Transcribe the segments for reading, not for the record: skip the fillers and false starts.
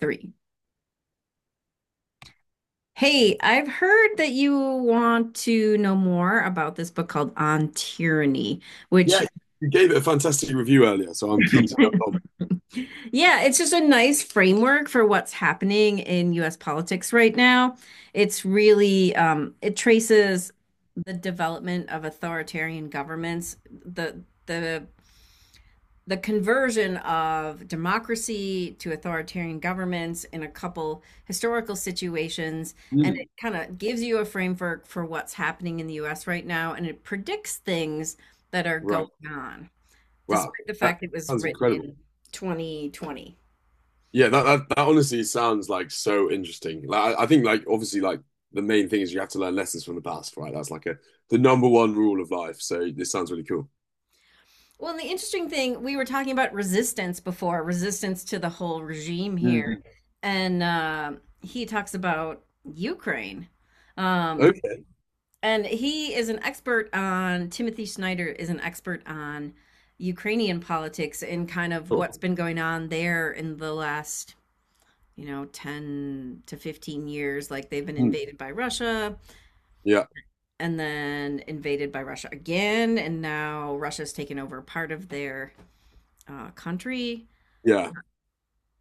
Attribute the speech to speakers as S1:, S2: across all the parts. S1: Three. Hey, I've heard that you want to know more about this book called On Tyranny, which,
S2: Yeah, you gave it a fantastic review earlier, so I'm keen to know.
S1: yeah, it's just a nice framework for what's happening in US politics right now. It's really, it traces the development of authoritarian governments, the the conversion of democracy to authoritarian governments in a couple historical situations, and
S2: Hmm,
S1: it kind of gives you a framework for what's happening in the US right now, and it predicts things that are going
S2: right.
S1: on
S2: Wow.
S1: despite the
S2: That
S1: fact it was
S2: sounds
S1: written
S2: incredible.
S1: in 2020.
S2: Yeah, that honestly sounds like so interesting. Like I think like obviously like the main thing is you have to learn lessons from the past, right? That's like a the number one rule of life. So this sounds really cool.
S1: Well, and the interesting thing, we were talking about resistance before, resistance to the whole regime here.
S2: Hmm.
S1: And he talks about Ukraine, um,
S2: Okay,
S1: and he is an expert on Timothy Snyder is an expert on Ukrainian politics and kind of
S2: cool.
S1: what's been going on there in the last, you know, 10 to 15 years. Like, they've been
S2: Hmm.
S1: invaded by Russia,
S2: Yeah,
S1: and then invaded by Russia again, and now Russia's taken over part of their country.
S2: yeah.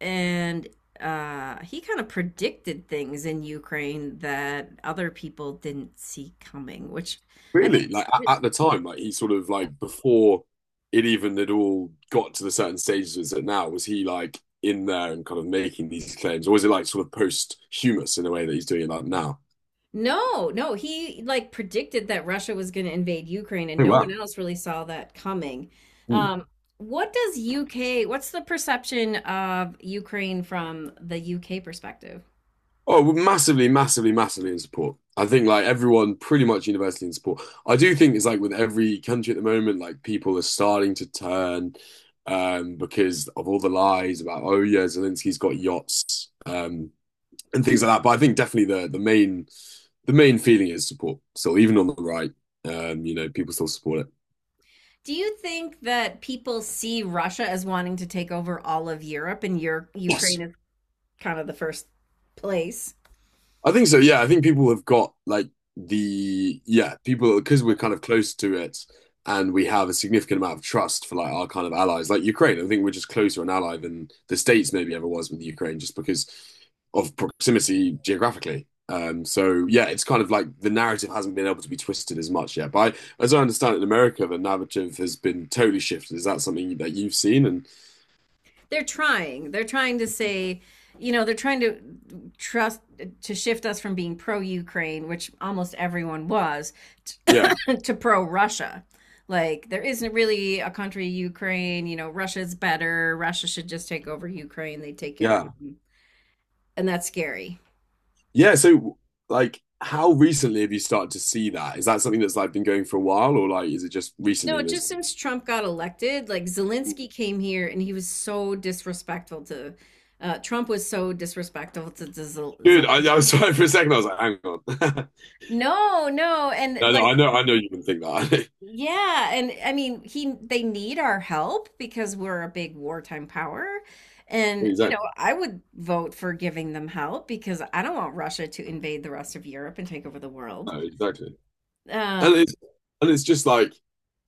S1: And he kind of predicted things in Ukraine that other people didn't see coming, which I think
S2: Really?
S1: is
S2: Like at the time, like he sort of like before it even had all got to the certain stages it's at now, was he like in there and kind of making these claims, or was it like sort of posthumous in a way that he's doing it like now?
S1: No, no, he like predicted that Russia was going to invade Ukraine and
S2: Oh
S1: no one
S2: wow.
S1: else really saw that coming.
S2: Hmm.
S1: Um, what's the perception of Ukraine from the UK perspective?
S2: Oh, well, massively, massively, massively in support. I think like everyone pretty much universally in support. I do think it's like with every country at the moment, like people are starting to turn, because of all the lies about, oh yeah, Zelensky's got yachts. And things like that. But I think definitely the main feeling is support. So even on the right, you know, people still support it.
S1: Do you think that people see Russia as wanting to take over all of Europe and your Ukraine
S2: Yes.
S1: is kind of the first place?
S2: I think so. Yeah, I think people have got like the people because we're kind of close to it, and we have a significant amount of trust for like our kind of allies, like Ukraine. I think we're just closer an ally than the States maybe ever was with Ukraine, just because of proximity geographically. So yeah, it's kind of like the narrative hasn't been able to be twisted as much yet. As I understand it, in America, the narrative has been totally shifted. Is that something that you've seen? And
S1: They're trying. They're trying to say, you know, they're trying to trust to shift us from being pro Ukraine, which almost everyone was,
S2: yeah,
S1: to, to pro Russia. Like there isn't really a country Ukraine, you know, Russia's better. Russia should just take over Ukraine. They take care of
S2: yeah.
S1: them. And that's scary.
S2: Yeah, so like how recently have you started to see that? Is that something that's like been going for a while, or like is it just
S1: No,
S2: recently that's?
S1: just since Trump got elected, like Zelensky came here and he was so disrespectful to Trump was so disrespectful to
S2: Dude, I was
S1: Zelensky.
S2: sorry for a second, I was like, hang on.
S1: No, no, and
S2: No, no, I
S1: like
S2: know I know you can think that.
S1: Yeah, and I mean, he they need our help because we're a big wartime power. And, you know,
S2: Exactly.
S1: I would vote for giving them help because I don't want Russia to invade the rest of Europe and take over the world.
S2: No, exactly. And
S1: Um,
S2: it's and it's just like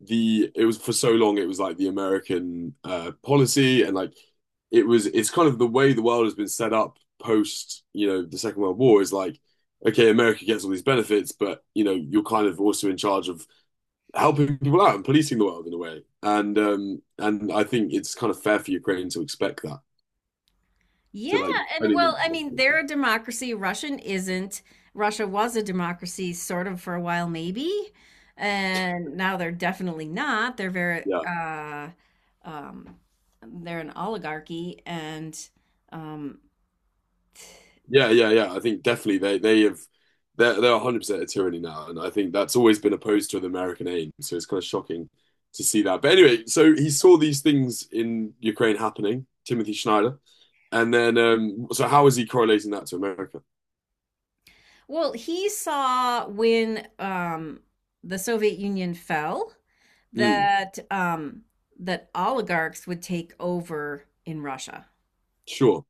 S2: the. It was for so long, it was like the American policy. And like it was, it's kind of the way the world has been set up post, you know, the Second World War is like, okay, America gets all these benefits, but you know, you're kind of also in charge of helping people out and policing the world in a way. And I think it's kind of fair for Ukraine to expect that,
S1: yeah,
S2: to like,
S1: and well, I mean, they're a democracy. Russian isn't. Russia was a democracy sort of for a while, maybe. And now they're definitely not. They're very
S2: yeah
S1: um they're an oligarchy. And um
S2: yeah, yeah. I think definitely they have they're 100% a tyranny now, and I think that's always been opposed to an American aim. So it's kind of shocking to see that. But anyway, so he saw these things in Ukraine happening, Timothy Schneider, and then so how is he correlating that to America?
S1: Well, he saw when the Soviet Union fell
S2: Mm,
S1: that that oligarchs would take over in Russia,
S2: sure.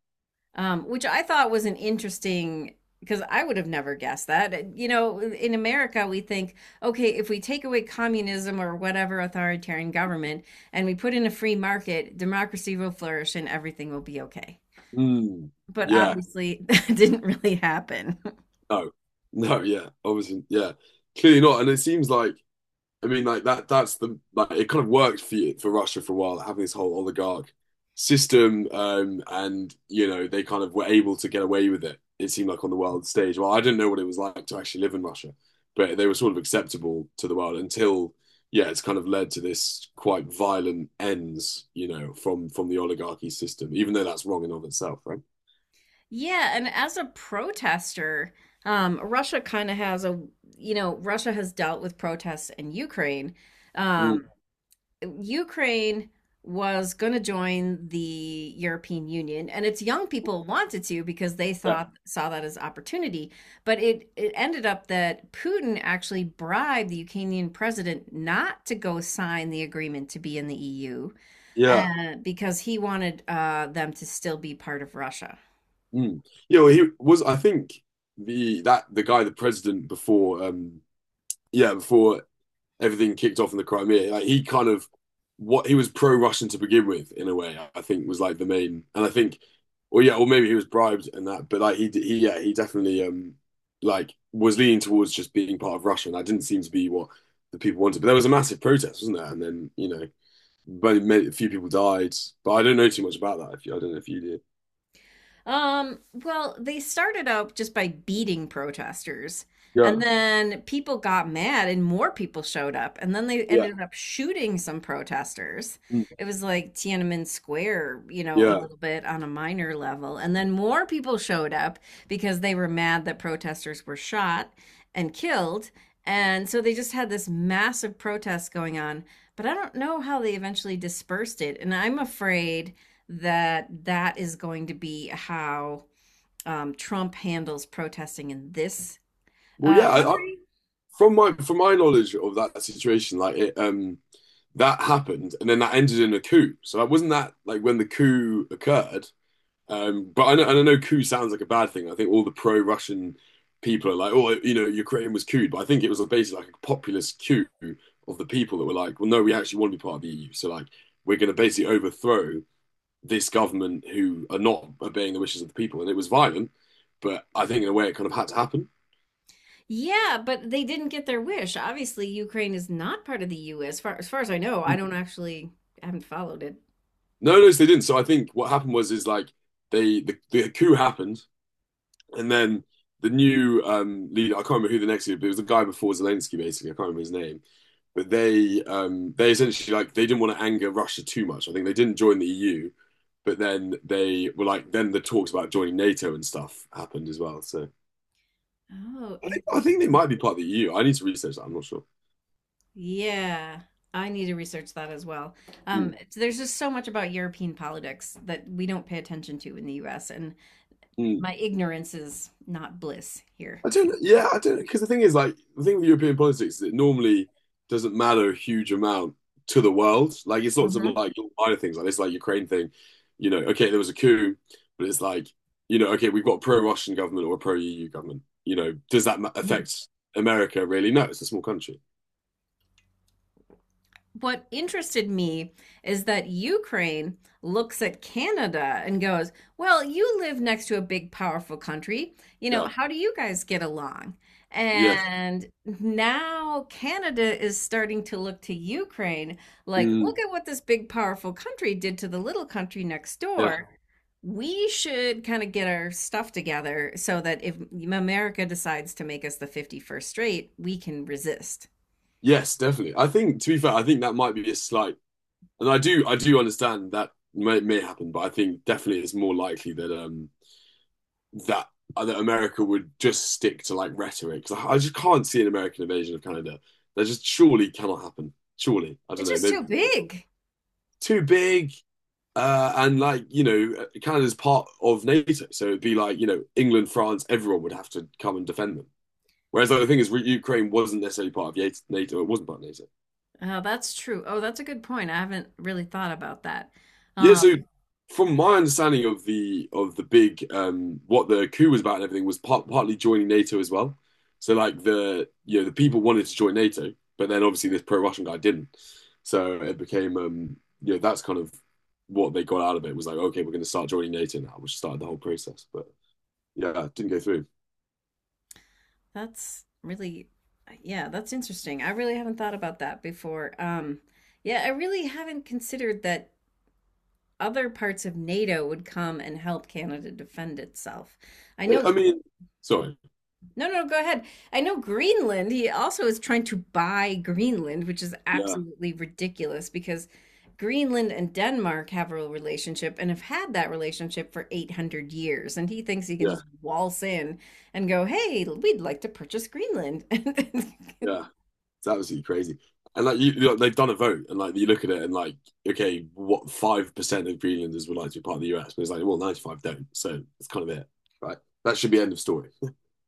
S1: which I thought was an interesting, because I would have never guessed that. You know, in America, we think, okay, if we take away communism or whatever authoritarian government and we put in a free market, democracy will flourish and everything will be okay.
S2: Mm,
S1: But Yeah.
S2: yeah.
S1: obviously, that didn't really happen.
S2: No, no, yeah, obviously, yeah, clearly not. And it seems like, I mean, like that's the, like, it kind of worked for you, for Russia for a while, like having this whole oligarch system. And, you know, they kind of were able to get away with it, it seemed like on the world stage. Well, I didn't know what it was like to actually live in Russia, but they were sort of acceptable to the world until, yeah, it's kind of led to this quite violent ends, you know, from the oligarchy system, even though that's wrong in and of itself, right?
S1: Yeah, and as a protester, Russia kind of has a, you know, Russia has dealt with protests in Ukraine.
S2: Mm,
S1: Um, Ukraine was going to join the European Union, and its young people wanted to because they
S2: yeah.
S1: thought saw that as opportunity. But it ended up that Putin actually bribed the Ukrainian president not to go sign the agreement to be in the EU,
S2: Yeah,
S1: because he wanted them to still be part of Russia.
S2: Mm. Yeah, well, he was. I think the that the guy, the president before, yeah, before everything kicked off in the Crimea, like he kind of what, he was pro-Russian to begin with, in a way. I think was like the main, and I think, or yeah, or maybe he was bribed and that, but like he, yeah, he definitely, like was leaning towards just being part of Russia, and that didn't seem to be what the people wanted. But there was a massive protest, wasn't there? And then you know, very many, a few people died, but I don't know too much about that. If you, I don't know if you did.
S1: Well, they started out just by beating protesters, and
S2: Yeah.
S1: then people got mad, and more people showed up, and then they
S2: Yeah.
S1: ended up shooting some protesters.
S2: Mm.
S1: It was like Tiananmen Square, you know, a
S2: Yeah.
S1: little bit on a minor level, and then more people showed up because they were mad that protesters were shot and killed, and so they just had this massive protest going on. But I don't know how they eventually dispersed it, and I'm afraid that that is going to be how Trump handles protesting in this
S2: Well, yeah,
S1: country.
S2: from my knowledge of that situation, like it, that happened, and then that ended in a coup. So it wasn't that, like when the coup occurred. But I know, and I know coup sounds like a bad thing. I think all the pro-Russian people are like, oh, you know, Ukraine was couped, but I think it was basically like a populist coup of the people that were like, well, no, we actually want to be part of the EU. So like, we're going to basically overthrow this government who are not obeying the wishes of the people, and it was violent. But I think in a way, it kind of had to happen.
S1: Yeah, but they didn't get their wish. Obviously, Ukraine is not part of the U.S. Far as I know, I don't actually I haven't followed it.
S2: No, no, so they didn't. So I think what happened was is like the coup happened, and then the new leader. I can't remember who the next leader, but it was the guy before Zelensky. Basically, I can't remember his name. But they essentially like they didn't want to anger Russia too much. I think they didn't join the EU, but then they were like then the talks about joining NATO and stuff happened as well. So
S1: Oh,
S2: I think they
S1: interesting.
S2: might be part of the EU. I need to research that. I'm not sure.
S1: Yeah, I need to research that as well.
S2: Mm,
S1: It's- there's just so much about European politics that we don't pay attention to in the U.S., and
S2: mm.
S1: my ignorance is not bliss here.
S2: I don't. Yeah, I don't. Because the thing is, like, the thing with European politics is it normally doesn't matter a huge amount to the world. Like, it's lots of like little minor things like this, like Ukraine thing. You know, okay, there was a coup, but it's like, you know, okay, we've got a pro-Russian government or a pro-EU government. You know, does that
S1: Mhm.
S2: affect America really? No, it's a small country.
S1: What interested me is that Ukraine looks at Canada and goes, well, you live next to a big, powerful country. You know,
S2: Yeah.
S1: how do you guys get along?
S2: Yes.
S1: And now Canada is starting to look to Ukraine like,
S2: Mm,
S1: look at what this big, powerful country did to the little country next
S2: yeah.
S1: door. We should kind of get our stuff together so that if America decides to make us the 51st state, we can resist.
S2: Yes, definitely. I think, to be fair, I think that might be a slight, and I do understand that may happen, but I think definitely it's more likely that that that America would just stick to like rhetoric. 'Cause I just can't see an American invasion of Canada. That just surely cannot happen. Surely, I don't
S1: It's
S2: know.
S1: just
S2: Maybe
S1: too
S2: it will.
S1: big.
S2: Too big, and like you know, Canada's part of NATO, so it'd be like you know, England, France, everyone would have to come and defend them. Whereas like, the thing is, Ukraine wasn't necessarily part of NATO. It wasn't part of NATO.
S1: Oh, that's true. Oh, that's a good point. I haven't really thought about that.
S2: Yeah, so
S1: Um,
S2: from my understanding of the big what the coup was about and everything was partly joining NATO as well. So like the you know the people wanted to join NATO, but then obviously this pro-Russian guy didn't. So it became you know that's kind of what they got out of it was like okay we're going to start joining NATO now, which started the whole process. But yeah, it didn't go through.
S1: that's really, yeah, that's interesting. I really haven't thought about that before. Yeah, I really haven't considered that other parts of NATO would come and help Canada defend itself. I
S2: I I
S1: know
S2: mean, sorry.
S1: No, no, go ahead. I know Greenland, he also is trying to buy Greenland, which is
S2: Yeah,
S1: absolutely ridiculous because Greenland and Denmark have a relationship and have had that relationship for 800 years. And he thinks he can
S2: yeah,
S1: just waltz in and go, hey, we'd like to purchase Greenland.
S2: yeah. It's absolutely crazy. You know, they've done a vote, and like you look at it, and like, okay, what 5% of Greenlanders would like to be part of the US? But it's like, well, 95 don't. So it's kind of it, right? That should be end of story.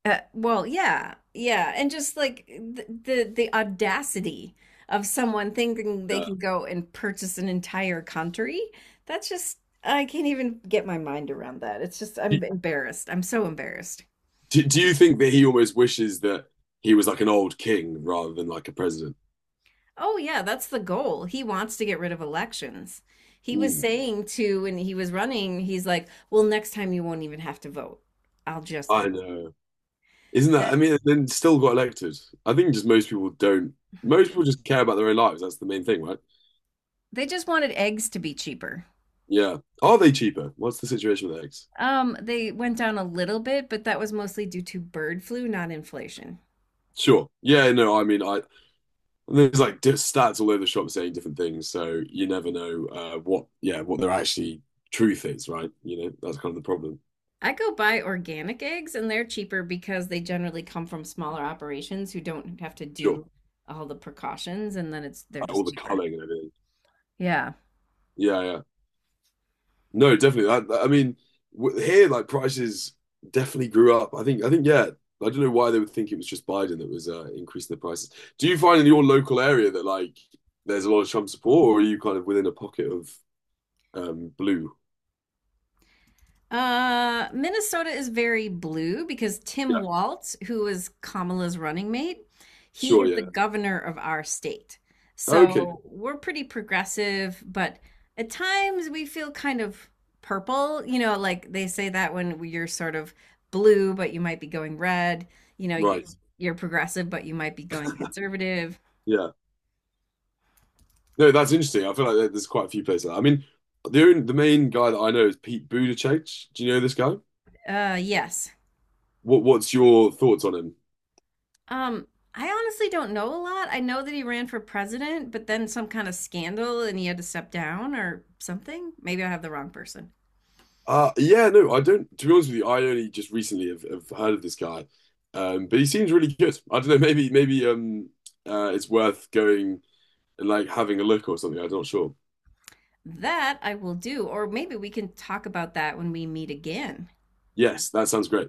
S1: Well, yeah, yeah, and just like the audacity of someone thinking they
S2: Yeah.
S1: can go and purchase an entire country. That's just I can't even get my mind around that. It's just I'm embarrassed. I'm so embarrassed.
S2: Do you think that he almost wishes that he was like an old king rather than like a president?
S1: Oh yeah, that's the goal. He wants to get rid of elections. He was
S2: Mm,
S1: saying to when he was running, he's like, "Well, next time you won't even have to vote. I'll just
S2: I
S1: be
S2: know. Isn't that?
S1: that."
S2: I mean, and then still got elected. I think just most people don't. Most people just care about their own lives. That's the main thing, right?
S1: They just wanted eggs to be cheaper.
S2: Yeah. Are they cheaper? What's the situation with eggs?
S1: They went down a little bit, but that was mostly due to bird flu, not inflation.
S2: Sure. Yeah. No. I mean, I there's like stats all over the shop saying different things, so you never know, what yeah what their actually truth is, right? You know that's kind of the problem.
S1: I go buy organic eggs and they're cheaper because they generally come from smaller operations who don't have to
S2: Sure,
S1: do all the precautions and then it's they're
S2: like, all
S1: just
S2: the
S1: cheaper.
S2: culling and everything.
S1: Yeah.
S2: Yeah, yeah. No, definitely. I mean, w here like prices definitely grew up. I think, yeah. I don't know why they would think it was just Biden that was, increasing the prices. Do you find in your local area that like there's a lot of Trump support, or are you kind of within a pocket of, blue?
S1: Minnesota is very blue because Tim
S2: Yeah,
S1: Walz, who is Kamala's running mate, he
S2: sure.
S1: is the
S2: Yeah.
S1: governor of our state.
S2: Okay.
S1: So we're pretty progressive, but at times we feel kind of purple. You know, like they say that when you're sort of blue, but you might be going red. You know, you,
S2: Right.
S1: you're progressive, but you might be going conservative.
S2: Yeah. No, that's interesting. I feel like there's quite a few places. I mean, the only, the main guy that I know is Pete Buttigieg. Do you know this guy?
S1: Yes.
S2: What what's your thoughts on him?
S1: Um, I honestly don't know a lot. I know that he ran for president, but then some kind of scandal and he had to step down or something. Maybe I have the wrong person.
S2: Yeah, no, I don't. To be honest with you, I only just recently have heard of this guy, but he seems really good. I don't know. Maybe it's worth going and like having a look or something. I'm not sure.
S1: That I will do, or maybe we can talk about that when we meet again.
S2: Yes, that sounds great.